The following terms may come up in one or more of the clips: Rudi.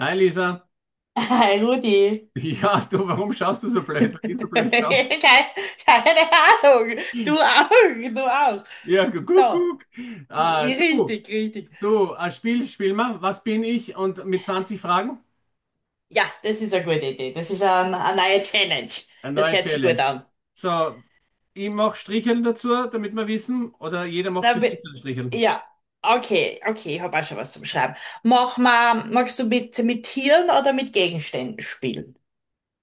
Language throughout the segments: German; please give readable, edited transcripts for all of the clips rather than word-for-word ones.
Hi Lisa. Hi Rudi. Ja, du, warum schaust du so blöd? Warum gehst du so blöd drauf? Keine, keine Ahnung. Du auch, du auch. Guck, So, guck. Ah, du, richtig. Ein Spiel, spiel mal. Was bin ich? Und mit 20 Fragen? Ja, das ist eine gute Idee. Das ist eine neue Challenge. Eine Das neue hört sich gut Challenge. an. So, ich mache Stricheln dazu, damit wir wissen, oder jeder macht Da, für bi- sich ein Stricheln. ja, okay, ich habe auch schon was zum Schreiben. Mach mal, magst du mit Tieren oder mit Gegenständen spielen?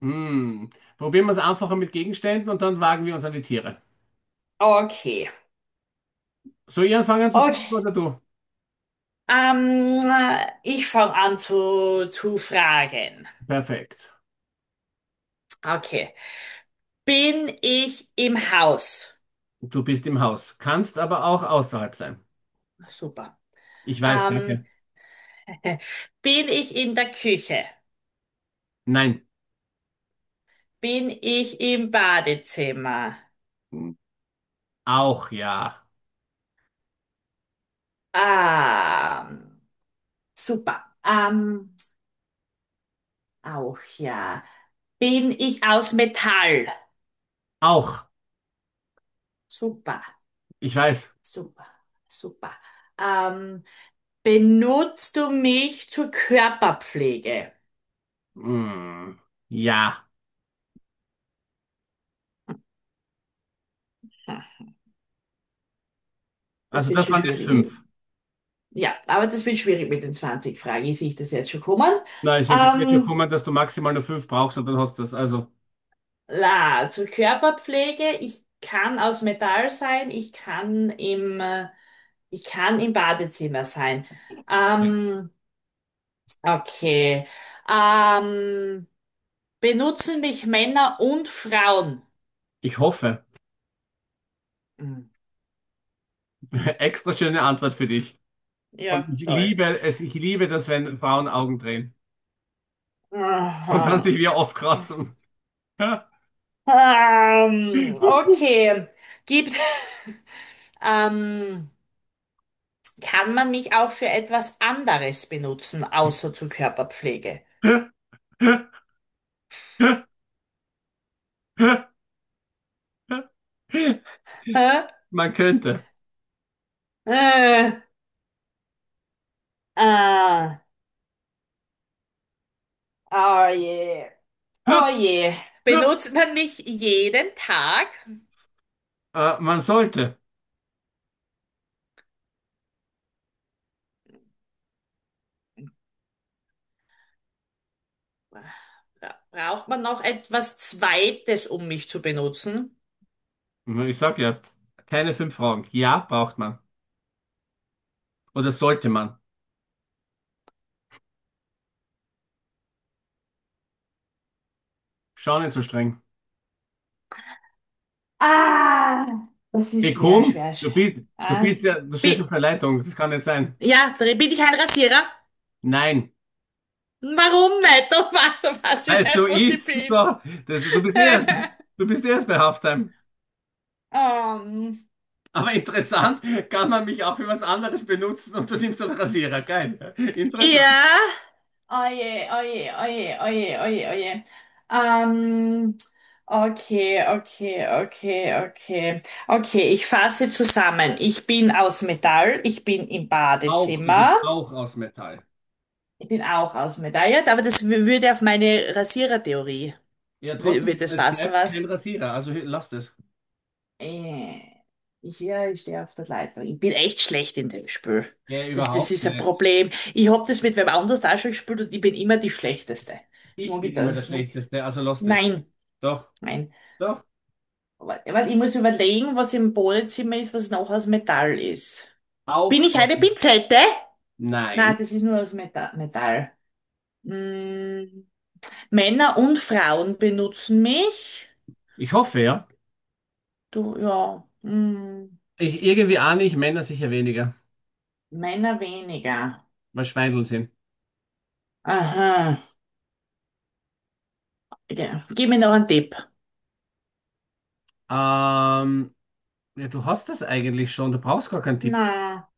Hm. Probieren wir es einfacher mit Gegenständen und dann wagen wir uns an die Tiere. Okay. Soll ich anfangen zu Okay. fragen oder du? Ähm, ich fange an zu fragen. Perfekt. Okay. Bin ich im Haus? Du bist im Haus, kannst aber auch außerhalb sein. Super. Ich weiß, Ähm, danke. bin ich in der Küche? Nein. Bin ich im Badezimmer? Auch ja. Ähm, super. Auch ja. Bin ich aus Metall? Auch, Super, ich weiß. super, super. Ähm, benutzt du mich zur Körperpflege? Hm, ja, Hm, das also wird das schon waren jetzt schwierig fünf. mit. Ja, aber das wird schwierig mit den 20 Fragen. Ich sehe das jetzt schon kommen. Nein, es wird jetzt schon Ähm, kommen, dass du maximal nur fünf brauchst und dann hast du das. Also, zur Körperpflege. Ich kann aus Metall sein, ich kann ich kann im Badezimmer sein. ja, Ähm, okay. Ähm, benutzen mich Männer und Frauen? ich hoffe. Hm, Extra schöne Antwort für dich. Und ja, ich toll. liebe es, ich liebe das, wenn Frauen Augen drehen und dann sich Aha. wieder aufkratzen. Okay. Gibt, ähm, kann man mich auch für etwas anderes benutzen, außer zur Körperpflege? Hä? Man könnte. Äh, ah. Oh je, oh je. Benutzt man mich jeden Tag? Man sollte. Bra- Braucht man noch etwas Zweites, um mich zu benutzen? Ich sag ja, keine fünf Fragen. Ja, braucht man. Oder sollte man. Schau nicht so streng. Ah, das Hey, ist schwer, komm, schwer, du schwer. bist, Du Ah, bist ja, du stehst auf Bi der Leitung, das kann nicht sein. ja, bin ich ein Rasierer? Nein, Warum nicht? Doch was weil ich es so nicht, was ich ist, bin. so, das, du bist erst, du bist eh erst bei Halftime. ähm, Aber interessant, kann man mich auch für was anderes benutzen und du nimmst einen Rasierer, geil. Ja. Interessant. ja. Oje. Ähm, okay. Okay, ich fasse zusammen. Ich bin aus Metall, ich bin im Auch, du bist Badezimmer. auch aus Metall. Ich bin auch aus Metall, ja, aber würde auf meine Rasierertheorie, Ja, würde trotzdem, das es passen, bleibt kein was? Rasierer, also lass das. Äh, ja, ich stehe auf der Leitung. Ich bin echt schlecht in dem Spiel. Ja, Das überhaupt ist ein nicht. Problem. Ich hab das mit wem anders da schon gespielt und ich bin immer die Schlechteste. Das Ich mag bin ich, immer der das mag ich. Schlechteste, also lass das. Nein. Doch, Nein. doch, Ja, weil ich muss überlegen, was im Badezimmer ist, was noch aus Metall ist. Bin auch ich aus. eine Pinzette? Nein, Nein, das ist nur aus Metall. Mm, Männer und Frauen benutzen mich. ich hoffe ja. Du, ja. Mm, Ich, irgendwie ahne ich Männer sicher weniger. Männer weniger. Mal Schweindeln sind. Aha. Ja. Gib mir noch einen Tipp. Ähm, ja, du hast das eigentlich schon, du brauchst gar keinen Tipp mehr. Na,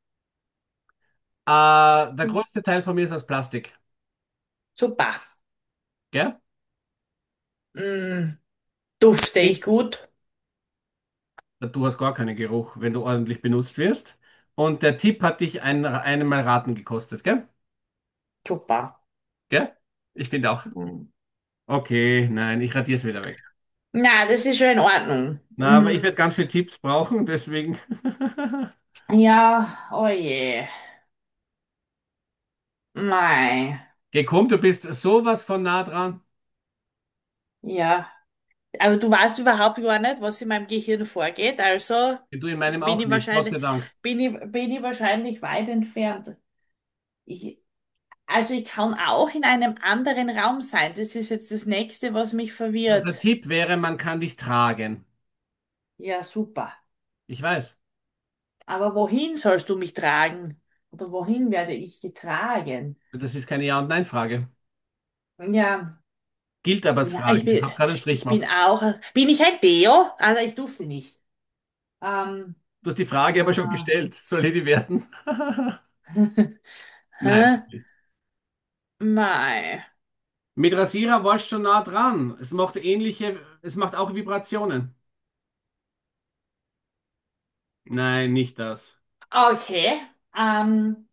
Der größte Teil von mir ist aus Plastik, super. gell? Mm, dufte ich gut? Du hast gar keinen Geruch, wenn du ordentlich benutzt wirst. Und der Tipp hat dich einmal raten gekostet, gell? Super. Gell? Ich finde auch. Mm. Okay, nein, ich radier's wieder weg. Na, das ist schon in Ordnung. Na, aber Mm, ich werde ganz viele Tipps brauchen, deswegen. ja, oh je. Mei. Geh, komm, du bist sowas von nah dran. Ja, aber du weißt überhaupt gar nicht, was in meinem Gehirn vorgeht, also Du in meinem bin auch ich nicht, Gott wahrscheinlich, sei Dank. Bin ich wahrscheinlich weit entfernt. Ich, also ich kann auch in einem anderen Raum sein. Das ist jetzt das Nächste, was mich Na, der verwirrt. Tipp wäre, man kann dich tragen. Ja, super. Ich weiß. Aber wohin sollst du mich tragen? Oder wohin werde ich getragen? Das ist keine Ja- und Nein-Frage. Ja, Gilt aber als bin, Frage. ich Ich bin, habe gerade einen Strich ich gemacht. bin auch, bin ich ein Deo? Also ich durfte nicht. Ähm, Du hast die Frage äh, aber schon gestellt. Soll ich die werten? Nein. hä? Mei. Mit Rasierer warst schon nah dran. Es macht auch Vibrationen. Nein, nicht das. Okay. Ähm,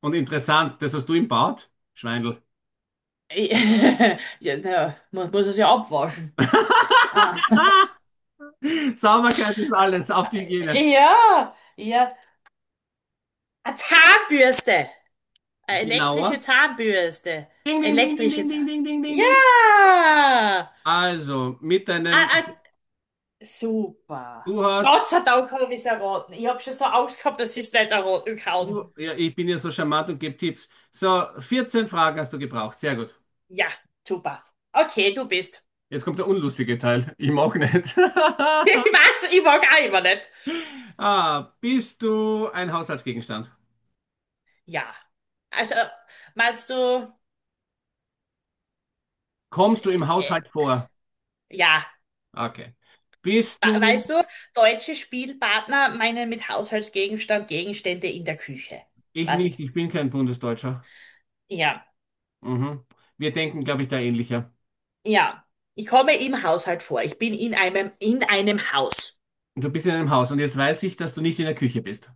Und interessant, das hast du im Bad? Schweindel. ja, naja, man muss es ja abwaschen. Ah. Sauberkeit ist alles, auf die Hygiene. Ja, ja. Eine Zahnbürste! Eine elektrische Genauer. Zahnbürste. Ding, ding, ding, ding, Elektrische ding, Zahn... ding, ding, ding, ding, Ja! ding. Also, mit deinem, Ah, super. du hast, Gott sei Dank habe ich es erraten. Ich habe schon so Angst gehabt, dass ich es nicht erraten kann. du, Ja, ich bin ja so charmant und gebe Tipps. So, 14 Fragen hast du gebraucht. Sehr gut. Ja, super. Okay, du bist. Jetzt kommt der unlustige Teil. Ihm auch nicht. Ich weiß, ich mag auch immer nicht. Ah, bist du ein Haushaltsgegenstand? Ja. Also, meinst du... Kommst du im äh, Haushalt vor? ja. Okay. Bist Weißt du, du? deutsche Spielpartner meinen mit Haushaltsgegenstand Gegenstände in der Küche. Ich nicht, Weißt? ich bin kein Bundesdeutscher. Ja, Mhm. Wir denken, glaube ich, da ähnlicher. ja. Ich komme im Haushalt vor. Ich bin in in einem Haus. Du bist in einem Haus und jetzt weiß ich, dass du nicht in der Küche bist.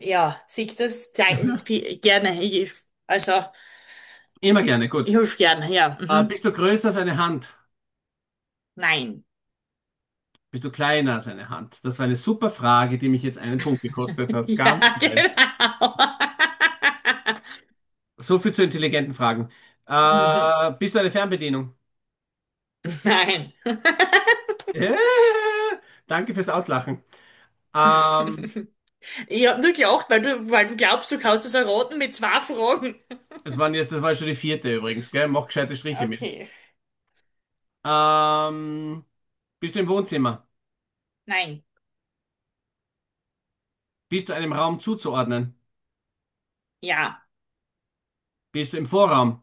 Ja, sieht das gerne. Ich, also, Immer gerne, gut. ich helfe gerne, ja. Ah, Mhm. bist du größer als eine Hand? Nein. Bist du kleiner als eine Hand? Das war eine super Frage, die mich jetzt einen Punkt gekostet hat. Ja, Ganz geil. genau. So viel zu intelligenten Fragen. Mhm. Ah, bist du eine Fernbedienung? Nein. Äh, Danke fürs Auslachen. Ähm, Ich habe nur gelacht, weil weil du glaubst, du kannst es erraten mit zwei Fragen. Das waren jetzt, das war schon die vierte übrigens, gell? Mach gescheite Striche mit. Okay. Ähm, Bist du im Wohnzimmer? Nein. Bist du einem Raum zuzuordnen? Ja. Bist du im Vorraum?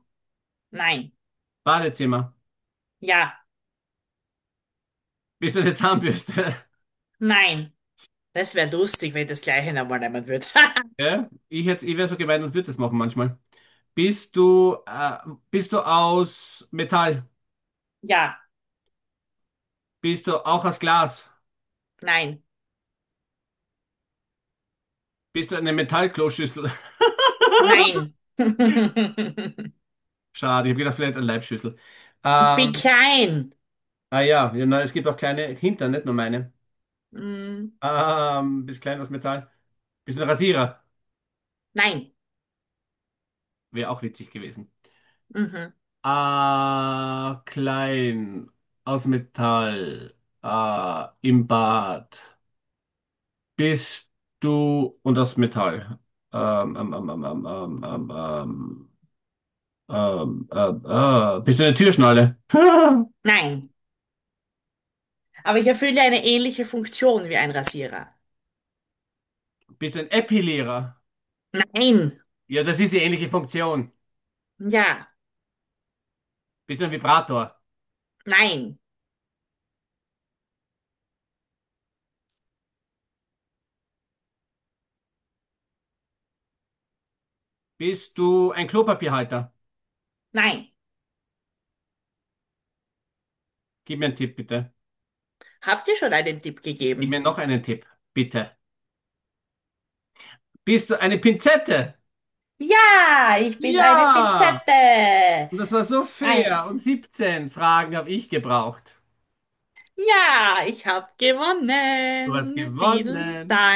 Nein. Badezimmer? Ja. Bist du eine Zahnbürste? Nein. Das wäre lustig, wenn das gleiche nochmal nehmen würde. Ja? Ich hätte, ich wäre so gemein und würde das machen manchmal. Bist du, äh, Bist du aus Metall? Ja. Bist du auch aus Glas? Nein. Bist du eine Metallkloschüssel? Nein. Schade, ich habe gedacht, vielleicht eine Leibschüssel. Ich bin Ähm, klein. Ah ja, ja, na, es gibt auch kleine Hintern, nicht nur meine. Mm, Bisschen klein aus Metall. Bisschen Rasierer. nein. Wäre auch witzig gewesen. Mhm. Ah, klein. Aus Metall. Ah, im Bad. Bist du und aus Metall. Ähm, ähm, ähm, ähm, ähm, ähm, ähm, Bist du eine Türschnalle? Nein. Aber ich erfülle eine ähnliche Funktion wie ein Rasierer. Bist du ein Epilierer? Nein. Ja, das ist die ähnliche Funktion. Ja. Bist du ein Vibrator? Nein. Bist du ein Klopapierhalter? Nein. Gib mir einen Tipp, bitte. Habt ihr schon einen Tipp Gib mir gegeben? noch einen Tipp, bitte. Bist du eine Pinzette? Ja, ich bin eine Ja! Pinzette. Und das war so fair. Eins. Und 17 Fragen habe ich gebraucht. Ja, ich habe Du hast gewonnen. Vielen Dank. gewonnen.